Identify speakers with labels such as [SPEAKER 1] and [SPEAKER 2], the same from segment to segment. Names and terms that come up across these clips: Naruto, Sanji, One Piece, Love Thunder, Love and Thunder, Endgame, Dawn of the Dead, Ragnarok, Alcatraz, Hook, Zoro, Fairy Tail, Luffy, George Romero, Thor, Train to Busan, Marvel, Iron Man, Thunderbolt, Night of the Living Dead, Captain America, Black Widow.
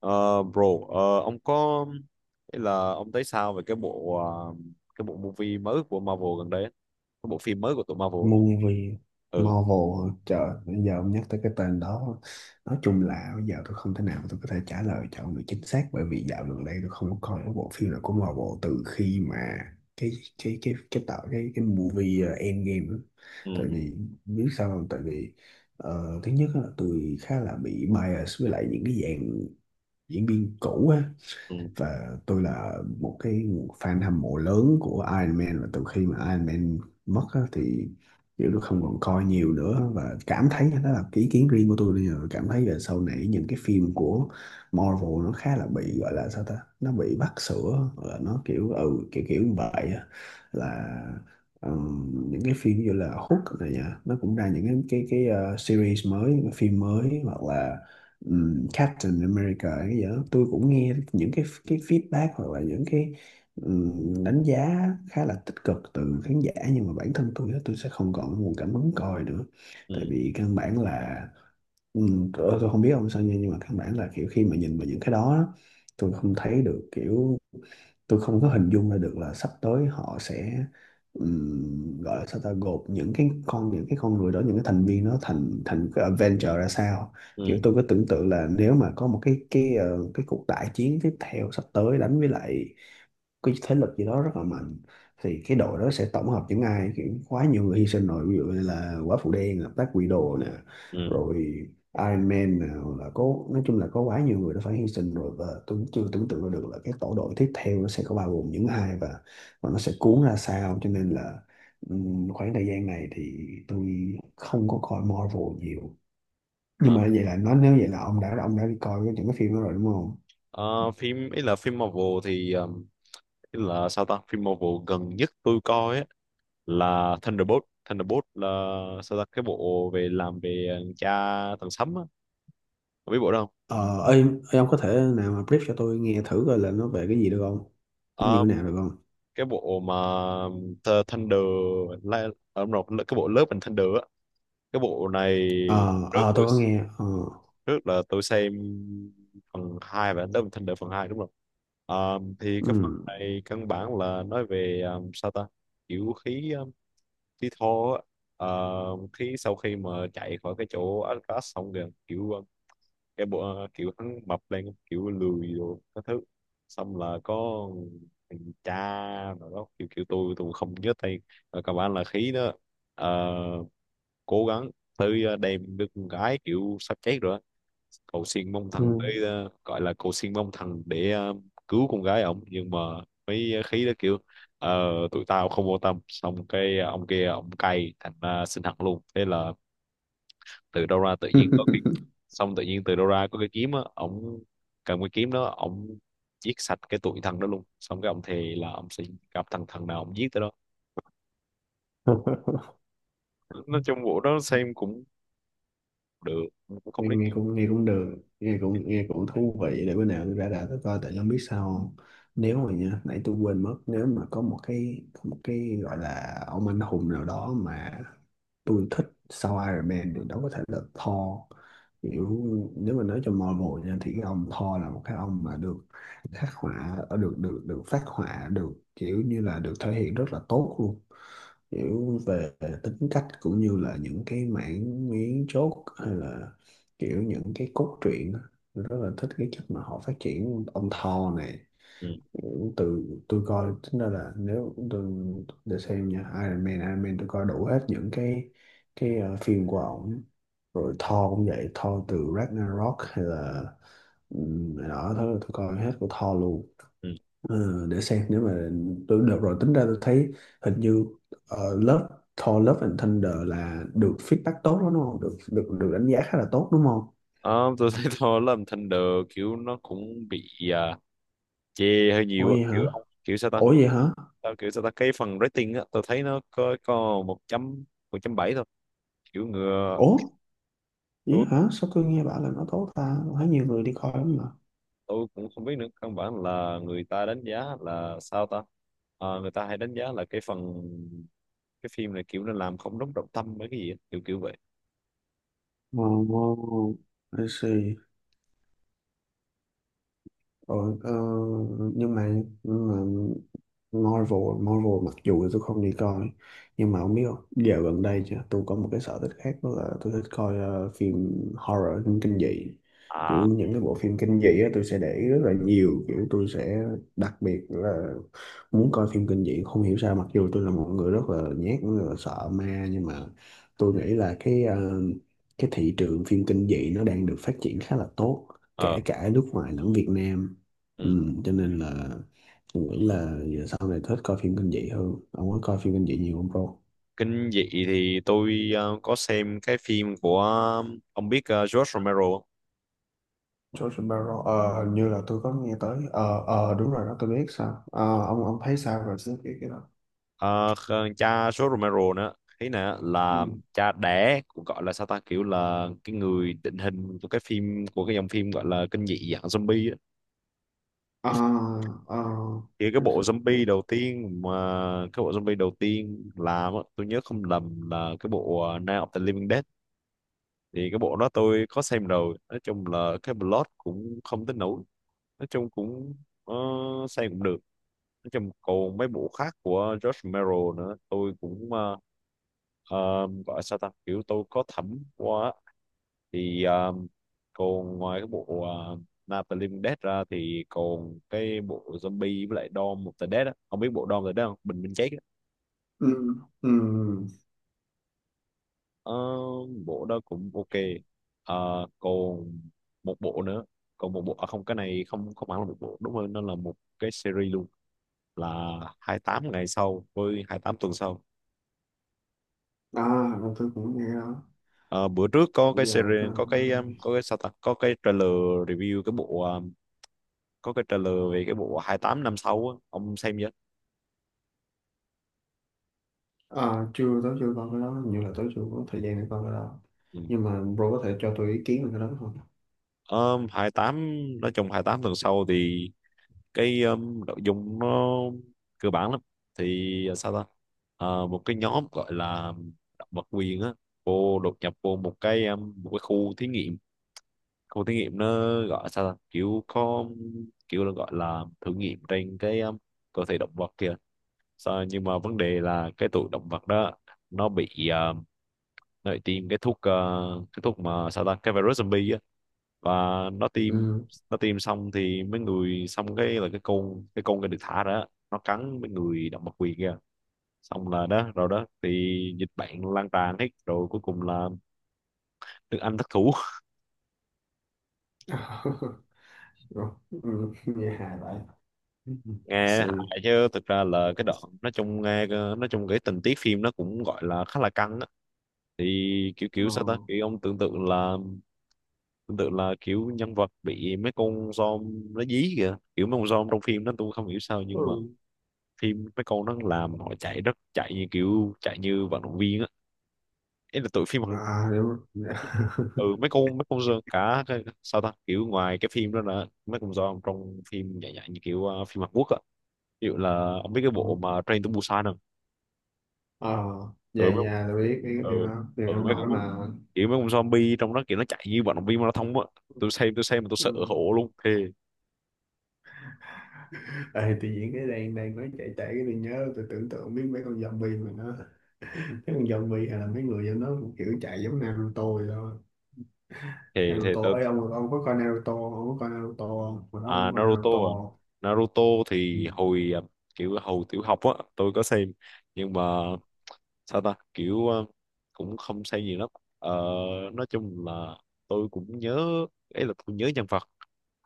[SPEAKER 1] Ờ, Bro, ông có ý là ông thấy sao về cái bộ movie mới của Marvel gần đây á? Cái bộ phim mới của tụi Marvel á.
[SPEAKER 2] Movie
[SPEAKER 1] Ừ,
[SPEAKER 2] Marvel, trời, bây giờ ông nhắc tới cái tên đó, nói chung là bây giờ tôi không thể nào tôi có thể trả lời cho ông được chính xác bởi vì dạo gần đây tôi không có coi cái bộ phim nào của Marvel từ khi mà cái cái tạo cái movie Endgame á.
[SPEAKER 1] ừ,
[SPEAKER 2] Tại vì biết sao không, thứ nhất á, là tôi khá là bị bias với lại những cái dạng diễn viên cũ á,
[SPEAKER 1] ừ,
[SPEAKER 2] và tôi là một cái fan hâm mộ lớn của Iron Man, và từ khi mà Iron Man mất á, thì kiểu tôi không còn coi nhiều nữa, và cảm thấy đó là cái ý kiến riêng của tôi. Bây giờ cảm thấy là sau này những cái phim của Marvel nó khá là bị gọi là sao ta, nó bị vắt sữa, là nó kiểu ừ kiểu kiểu như vậy á. Là những cái phim như là Hook này nha, nó cũng ra những cái series mới, những cái phim mới, hoặc là Captain America hay cái gì đó, tôi cũng nghe những cái feedback hoặc là những cái đánh giá khá là tích cực từ khán giả, nhưng mà bản thân tôi á, tôi sẽ không còn nguồn cảm hứng coi nữa. Tại
[SPEAKER 1] ừ,
[SPEAKER 2] vì căn bản là, ừ, tôi không biết ông sao nha, nhưng mà căn bản là kiểu khi mà nhìn vào những cái đó á, tôi không thấy được, kiểu tôi không có hình dung ra được là sắp tới họ sẽ gọi là sao ta, gộp những cái con người đó, những cái thành viên, nó thành thành cái adventure ra sao. Kiểu
[SPEAKER 1] ừ,
[SPEAKER 2] tôi có tưởng tượng là nếu mà có một cái cuộc đại chiến tiếp theo sắp tới đánh với lại cái thế lực gì đó rất là mạnh, thì cái đội đó sẽ tổng hợp những ai. Kiểu quá nhiều người hy sinh rồi, ví dụ như là quả phụ đen là Black Widow nè,
[SPEAKER 1] ừ.
[SPEAKER 2] rồi Iron Man nè, hoặc là có, nói chung là có quá nhiều người đã phải hy sinh rồi, và tôi chưa tưởng tượng ra được là cái tổ đội tiếp theo nó sẽ có bao gồm những ai, và nó sẽ cuốn ra sao, cho nên là khoảng thời gian này thì tôi không có coi Marvel nhiều. Nhưng
[SPEAKER 1] Ờ,
[SPEAKER 2] mà vậy là ông đã đi coi những cái phim đó rồi đúng không?
[SPEAKER 1] ờ, Phim ý là phim Marvel chứ là sao ta phim Marvel gần nhất tôi coi á là Thunderbolt Thunderbolt, là sao ta cái bộ về làm về cha thằng Sấm á. Cậu biết bộ đâu.
[SPEAKER 2] Ờ, Ơi, ơi, ông có thể nào mà brief cho tôi nghe thử coi là nó về cái gì được không? Nó như
[SPEAKER 1] Ờ,
[SPEAKER 2] thế nào được không?
[SPEAKER 1] cái bộ mà, Thunder, Li- đúng rồi, cái bộ lớp mình Thunder á, cái bộ này,
[SPEAKER 2] Ờ,
[SPEAKER 1] rất
[SPEAKER 2] ờ, tôi có nghe. Ờ.
[SPEAKER 1] trước là tôi xem phần 2 và Love Thunder phần 2, đúng không? Thì cái phần
[SPEAKER 2] Ừ,
[SPEAKER 1] này căn bản là nói về, sao ta kiểu khí, khí thô á. Ờ, khí sau khi mà chạy khỏi cái chỗ Alcatraz xong rồi kiểu, cái bộ, kiểu hắn mập lên kiểu lười rồi các thứ, xong là có thằng cha rồi đó, kiểu kiểu tôi không nhớ tên, rồi các bạn là khí đó. Ờ, cố gắng tới, đem đứa con gái kiểu sắp chết rồi á. Cầu xin mong thần
[SPEAKER 2] ừ.
[SPEAKER 1] tới, gọi là cầu xin mong thần để, cứu con gái ổng, nhưng mà mấy khí đó kiểu, tụi tao không vô tâm. Xong cái ông kia ông cay thành ra xin hận luôn, thế là từ đâu ra tự nhiên có cái, xong tự nhiên từ đâu ra có cái kiếm á, ổng cầm cái kiếm đó ổng giết sạch cái tụi thằng đó luôn. Xong cái ông thề là ông sẽ gặp thằng thằng nào ông giết tới đó. Nói chung vụ đó xem cũng được, cũng không
[SPEAKER 2] Nghe,
[SPEAKER 1] đến
[SPEAKER 2] nghe
[SPEAKER 1] nỗi.
[SPEAKER 2] cũng, được, nghe cũng thú vị. Để bữa nào tôi ra đã tôi coi, tại không biết sao không? Nãy tôi quên mất, nếu mà có một cái gọi là ông anh hùng nào đó mà tôi thích sau Iron Man, thì đó có thể là Thor. Kiểu nếu mà nói cho Marvel nha, thì cái ông Thor là một cái ông mà được khắc họa ở, được được được phát họa được, kiểu như là được thể hiện rất là tốt luôn, kiểu về tính cách, cũng như là những cái mảng miếng chốt, hay là kiểu những cái cốt truyện á. Rất là thích cái cách mà họ phát triển ông Thor này.
[SPEAKER 1] Ừ.
[SPEAKER 2] Từ tôi coi tính ra là nếu tôi để xem nha, Iron Man tôi coi đủ hết những cái phim của ổng. Rồi Thor cũng vậy, Thor từ Ragnarok, hay là đó thôi, tôi coi hết của Thor luôn.
[SPEAKER 1] Ừ.
[SPEAKER 2] Để xem nếu mà tôi, được rồi, tính ra tôi thấy hình như uh, Love Thor Love and Thunder là được feedback tốt đó đúng không? Được được được đánh giá khá là tốt đúng không?
[SPEAKER 1] Ờ, tôi thấy thôi làm thanh được kiểu nó cũng bị, chê hơi
[SPEAKER 2] Ủa,
[SPEAKER 1] nhiều á,
[SPEAKER 2] vậy hả?
[SPEAKER 1] kiểu ông kiểu sao ta.
[SPEAKER 2] Ủa, vậy hả?
[SPEAKER 1] Tao kiểu sao ta cái phần rating á, tôi thấy nó có một chấm bảy thôi, kiểu ngừa.
[SPEAKER 2] Ủa, vậy
[SPEAKER 1] tôi,
[SPEAKER 2] hả? Sao tôi nghe bảo là nó tốt ta, tôi thấy nhiều người đi coi lắm.
[SPEAKER 1] tôi cũng không biết nữa, căn bản là người ta đánh giá là sao ta. Ờ, người ta hay đánh giá là cái phim này kiểu nó làm không đúng trọng tâm mấy cái gì á, kiểu kiểu vậy.
[SPEAKER 2] Oh, I see. Ờ, ờ, nhưng mà nhưng mà Marvel Marvel mặc dù là tôi không đi coi, nhưng mà không biết, không dạo gần đây chứ, tôi có một cái sở thích khác, đó là tôi thích coi phim horror, phim kinh dị. Kiểu
[SPEAKER 1] À,
[SPEAKER 2] những cái bộ phim kinh dị á, tôi sẽ để ý rất là nhiều, kiểu tôi sẽ đặc biệt là muốn coi phim kinh dị, không hiểu sao. Mặc dù tôi là một người rất là nhát, rất là sợ ma, nhưng mà tôi nghĩ là cái thị trường phim kinh dị nó đang được phát triển khá là tốt,
[SPEAKER 1] ờ,
[SPEAKER 2] kể cả nước ngoài lẫn Việt Nam.
[SPEAKER 1] ừ.
[SPEAKER 2] Ừ, cho nên là tôi nghĩ là giờ sau này thích coi phim kinh dị hơn. Ông có coi phim kinh dị nhiều không bro?
[SPEAKER 1] Kinh dị thì tôi, có xem cái phim của, ông biết, George Romero
[SPEAKER 2] George Romero, hình như là tôi có nghe tới. Ờ Đúng rồi đó, tôi biết sao.
[SPEAKER 1] không?
[SPEAKER 2] Ờ, ông thấy sao về cái đó?
[SPEAKER 1] Ờ, cha số Romero nữa ý nè là
[SPEAKER 2] Ừ.
[SPEAKER 1] cha đẻ, cũng gọi là sao ta kiểu là cái người định hình của cái phim, của cái dòng phim gọi là kinh dị dạng zombie á.
[SPEAKER 2] À, à,
[SPEAKER 1] Thì
[SPEAKER 2] let's see.
[SPEAKER 1] cái bộ zombie đầu tiên làm á, tôi nhớ không lầm là cái bộ, Night of the Living Dead. Thì cái bộ đó tôi có xem rồi, nói chung là cái plot cũng không tới nổi, nói chung cũng, ờ, xem cũng được. Nói chung còn mấy bộ khác của George Romero nữa, tôi cũng, gọi sao ta kiểu tôi có thẩm quá. Thì, còn ngoài cái bộ, uh, Night of the Living Dead ra thì còn cái bộ zombie với lại Dawn of the Dead á, không biết bộ Dawn of the Dead không, Bình Minh Chết á.
[SPEAKER 2] Ừ. Ừ.
[SPEAKER 1] Ờ, bộ đó cũng ok. Ờ, còn một bộ nữa, còn một bộ à không, cái này, không không hẳn là một bộ, đúng hơn nó là một cái series luôn, là 28 ngày sau với 28 tuần sau.
[SPEAKER 2] À. Rồi tôi cũng nghe đó.
[SPEAKER 1] Ờ, bữa trước có cái
[SPEAKER 2] Dạ, cái
[SPEAKER 1] series,
[SPEAKER 2] đó.
[SPEAKER 1] có cái, có cái sao ta có cái trailer review cái bộ, có cái trailer về cái bộ 28 năm sau á, ông xem chưa?
[SPEAKER 2] À, chưa coi cái đó, hình như là chưa có thời gian để coi cái đó.
[SPEAKER 1] Ừ.
[SPEAKER 2] Nhưng mà bro có thể cho tôi ý kiến về cái đó không?
[SPEAKER 1] 28, nói chung 28 tuần sau thì cái, nội dung nó cơ bản lắm. Thì, sao ta. Ờ, một cái nhóm gọi là động vật quyền á, vô đột nhập vô một cái, một cái khu thí nghiệm, khu thí nghiệm nó gọi sao ta kiểu có, kiểu là gọi là thử nghiệm trên cái, cơ thể động vật kìa. Sao, nhưng mà vấn đề là cái tụi động vật đó nó bị, nó bị tiêm cái thuốc, cái thuốc mà sao ta cái virus zombie á, và nó tiêm
[SPEAKER 2] Ừ.
[SPEAKER 1] nó tiêm xong thì mấy người, xong cái là cái được thả ra á, nó cắn mấy người động vật quyền kia, xong là đó rồi đó thì dịch bệnh lan tràn hết rồi, cuối cùng là nước Anh thất thủ.
[SPEAKER 2] Rồi. Ừ, Nghe hài vậy.
[SPEAKER 1] Nghe
[SPEAKER 2] C
[SPEAKER 1] hại chứ thực ra là cái đoạn, nói chung nghe, nói chung cái tình tiết phim nó cũng gọi là khá là căng á. Thì kiểu
[SPEAKER 2] ờ,
[SPEAKER 1] kiểu sao ta kiểu ông tưởng tượng là tương tự, là kiểu nhân vật bị mấy con zombie nó dí kìa, kiểu mấy con zombie trong phim đó tôi không hiểu sao nhưng mà
[SPEAKER 2] ừ.
[SPEAKER 1] phim mấy con nó làm họ chạy, rất chạy như kiểu chạy như vận động viên á, ấy là tụi phim.
[SPEAKER 2] À, đúng rồi. Dạ.
[SPEAKER 1] Ừ, mấy con zombie, sao ta kiểu ngoài cái phim đó là mấy con zombie trong phim dạng dạng như kiểu, phim Hàn Quốc á, ví dụ là ông biết cái
[SPEAKER 2] Ừ.
[SPEAKER 1] bộ mà Train to Busan không?
[SPEAKER 2] Ờ.
[SPEAKER 1] Ừ,
[SPEAKER 2] Dạ, dạ, tôi biết cái
[SPEAKER 1] ừ,
[SPEAKER 2] điều đó, điều
[SPEAKER 1] ừ,
[SPEAKER 2] đó
[SPEAKER 1] mấy
[SPEAKER 2] nổi
[SPEAKER 1] con,
[SPEAKER 2] mà.
[SPEAKER 1] kiểu mấy con zombie trong đó kiểu nó chạy như vận động viên marathon á, tôi xem mà tôi sợ
[SPEAKER 2] Ừ.
[SPEAKER 1] hổ luôn, thề,
[SPEAKER 2] Ê, tự nhiên cái đang đang nói chạy chạy, cái tôi nhớ, tôi tưởng tượng biết mấy con zombie mà nó, mấy con zombie hay là mấy người giống nó cũng kiểu chạy giống Naruto vậy thôi.
[SPEAKER 1] thề, thề.
[SPEAKER 2] Naruto ấy, ông có coi Naruto, ông có coi Naruto không? Mà đó, ông có coi Naruto
[SPEAKER 1] À?
[SPEAKER 2] không?
[SPEAKER 1] Naruto
[SPEAKER 2] Ừ.
[SPEAKER 1] thì hồi, kiểu hồi tiểu học á, tôi có xem, nhưng mà sao ta kiểu, cũng không xem gì lắm. Ờ, nói chung là tôi cũng nhớ, ấy là tôi nhớ nhân vật,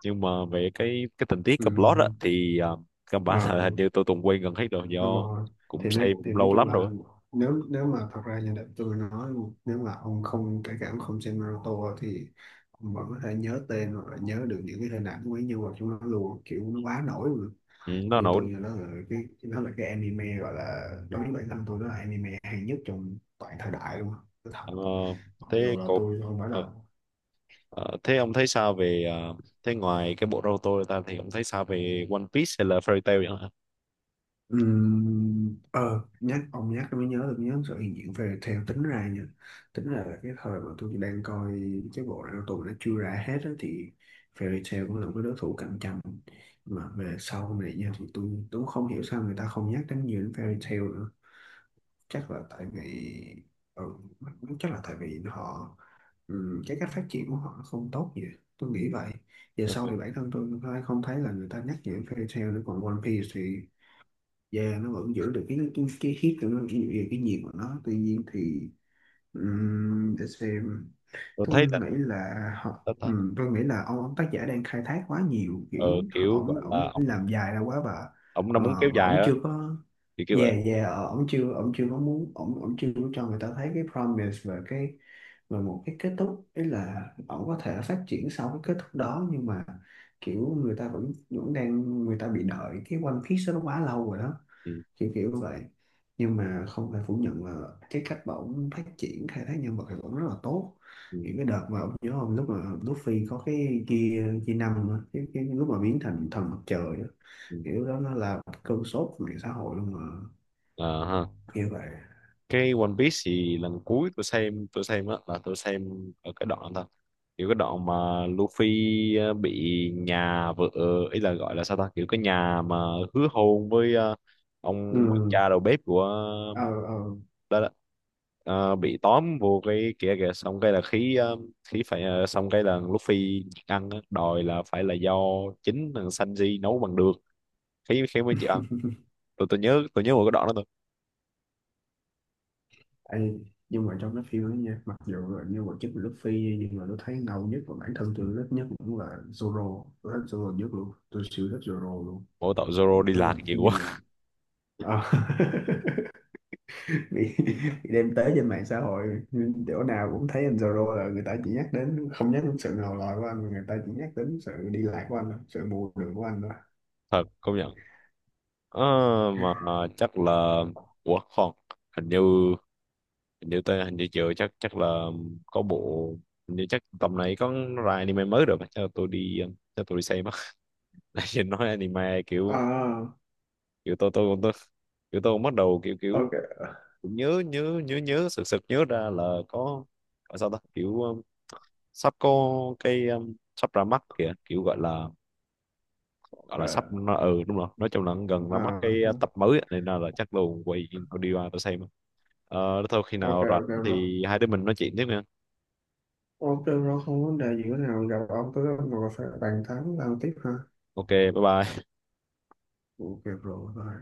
[SPEAKER 1] nhưng mà về cái tình tiết
[SPEAKER 2] Ừ.
[SPEAKER 1] cái plot á thì, căn bản là hình
[SPEAKER 2] Ờ,
[SPEAKER 1] như tôi từng quên gần hết rồi, do
[SPEAKER 2] đúng rồi.
[SPEAKER 1] cũng
[SPEAKER 2] thì nói
[SPEAKER 1] xem
[SPEAKER 2] thì
[SPEAKER 1] cũng
[SPEAKER 2] nói
[SPEAKER 1] lâu
[SPEAKER 2] chung
[SPEAKER 1] lắm
[SPEAKER 2] là,
[SPEAKER 1] rồi á.
[SPEAKER 2] nếu nếu mà thật ra như đợt tôi nói, nếu mà ông không kể cả ông không xem Naruto, thì ông vẫn có thể nhớ tên hoặc là nhớ được những cái hình ảnh của mấy nhân vật trong nó luôn, kiểu nó quá nổi luôn.
[SPEAKER 1] Ừ, nó
[SPEAKER 2] như
[SPEAKER 1] nổi.
[SPEAKER 2] tôi như nó là cái nó là cái anime, gọi là, đối với bản thân tôi nó là anime hay nhất trong toàn thời đại luôn. Tôi thật,
[SPEAKER 1] Ờ,
[SPEAKER 2] mặc
[SPEAKER 1] thế
[SPEAKER 2] dù là
[SPEAKER 1] cột,
[SPEAKER 2] tôi không phải
[SPEAKER 1] ờ,
[SPEAKER 2] là...
[SPEAKER 1] ờ, thế ông thấy sao về, thế ngoài cái bộ Naruto ra thì ông thấy sao về One Piece hay là Fairy Tail vậy?
[SPEAKER 2] Nhắc tôi mới nhớ được, nhớ sự hiện diện về, theo tính ra nha, tính ra là cái thời mà tôi đang coi cái bộ Naruto, tụi nó chưa ra hết á, thì Fairy Tail cũng là một cái đối thủ cạnh tranh. Mà về sau này nha, thì tôi cũng không hiểu sao người ta không nhắc đến nhiều đến Fairy Tail nữa. Chắc là tại vì ừ, chắc là tại vì họ, cái cách phát triển của họ nó không tốt gì, tôi nghĩ vậy. Giờ
[SPEAKER 1] Ừ.
[SPEAKER 2] sau thì bản thân tôi cũng không thấy là người ta nhắc nhiều đến Fairy Tail nữa. Còn One Piece thì da nó vẫn giữ được cái hit của nó, cái nhiệt của nó, tuy nhiên thì để xem.
[SPEAKER 1] Tôi
[SPEAKER 2] Tôi
[SPEAKER 1] thấy là,
[SPEAKER 2] nghĩ là họ
[SPEAKER 1] là- là-
[SPEAKER 2] tôi nghĩ là ông tác giả đang khai thác quá nhiều
[SPEAKER 1] ờ,
[SPEAKER 2] kiểu.
[SPEAKER 1] kiểu
[SPEAKER 2] ổng
[SPEAKER 1] gọi là
[SPEAKER 2] ổng
[SPEAKER 1] ông
[SPEAKER 2] làm dài ra quá, và
[SPEAKER 1] ông nó muốn kéo
[SPEAKER 2] và
[SPEAKER 1] dài
[SPEAKER 2] ổng
[SPEAKER 1] đó,
[SPEAKER 2] chưa có...
[SPEAKER 1] thì kiểu
[SPEAKER 2] Dạ,
[SPEAKER 1] vậy.
[SPEAKER 2] dạ, ổng chưa có muốn, ổng ổng chưa có cho người ta thấy cái promise và cái, và một cái kết thúc, ấy là ổng có thể phát triển sau cái kết thúc đó. Nhưng mà kiểu người ta vẫn vẫn người ta bị đợi cái One Piece đó nó quá lâu rồi đó,
[SPEAKER 1] Ừ.
[SPEAKER 2] kiểu kiểu vậy. Nhưng mà không thể phủ nhận là cái cách mà ổng phát triển khai thác nhân vật thì ổng rất là tốt.
[SPEAKER 1] Ừ.
[SPEAKER 2] Những cái đợt mà ổng, nhớ không, lúc mà Luffy có cái kia kia năm á, cái lúc mà biến thành thần mặt trời á,
[SPEAKER 1] Ừ.
[SPEAKER 2] kiểu đó nó là một cơn sốt của mạng xã hội luôn mà,
[SPEAKER 1] Ờ, ha.
[SPEAKER 2] kiểu vậy.
[SPEAKER 1] Cái One Piece thì lần cuối tôi xem, đó là tôi xem ở cái đoạn thôi, kiểu cái đoạn mà Luffy, bị nhà vợ, ý là gọi là sao ta kiểu cái nhà mà hứa hôn với, ông với
[SPEAKER 2] Ừ.
[SPEAKER 1] cha đầu bếp của,
[SPEAKER 2] Ờ, ờ.
[SPEAKER 1] đó đó. Ờ, bị tóm vô cái kia kìa, xong cái là khí, khí phải, xong cái là lúc phi ăn á, đòi là phải là do chính thằng Sanji nấu bằng được, khí khí mới chịu ăn. Tôi nhớ, một cái đoạn đó thôi.
[SPEAKER 2] Ê, nhưng mà trong cái phim đó nha, mặc dù là nhân vật chính là Luffy, nhưng mà tôi thấy ngầu nhất và bản thân tôi thích nhất cũng là Zoro. Tôi thích Zoro nhất luôn, tôi siêu thích Zoro luôn.
[SPEAKER 1] Mỗi tội Zoro đi
[SPEAKER 2] Nó là
[SPEAKER 1] lạc
[SPEAKER 2] một cái
[SPEAKER 1] nhiều quá.
[SPEAKER 2] nhân... Ờ. Bị, bị đem tới trên mạng xã hội, nhưng chỗ nào cũng thấy anh Zoro là người ta chỉ nhắc đến, không nhắc đến sự ngầu lòi của anh, mà người ta chỉ nhắc đến sự đi lại của anh thôi, sự bù đường của anh thôi.
[SPEAKER 1] Thật công nhận. Ờ, mà chắc là, ủa không, hình như hình như tới, hình như chưa chắc, chắc là có bộ. Hình như chắc tầm này có ra anime mới rồi, mà chắc là tôi đi, chắc tôi đi xem á. Nãy giờ nói anime kiểu,
[SPEAKER 2] À.
[SPEAKER 1] tôi kiểu tôi bắt đầu, kiểu kiểu
[SPEAKER 2] Ok,
[SPEAKER 1] cũng nhớ nhớ nhớ nhớ sực sực nhớ ra là có gọi sao ta kiểu, sắp có cái, sắp ra mắt kìa, kiểu gọi là, sắp
[SPEAKER 2] ok.
[SPEAKER 1] nó, ừ, đúng rồi, nói chung là gần ra mắt cái,
[SPEAKER 2] À,
[SPEAKER 1] tập mới á, nên là, chắc luôn quay tôi đi qua tôi xem. Ờ, thôi khi
[SPEAKER 2] ok,
[SPEAKER 1] nào rảnh
[SPEAKER 2] ok rồi.
[SPEAKER 1] thì hai đứa mình nói chuyện tiếp nha.
[SPEAKER 2] Ok rồi, không vấn đề gì nữa. Nào gặp ông tới, ông ngồi phải bàn tán làm tiếp ha.
[SPEAKER 1] Ok, bye bye.
[SPEAKER 2] Ok rồi.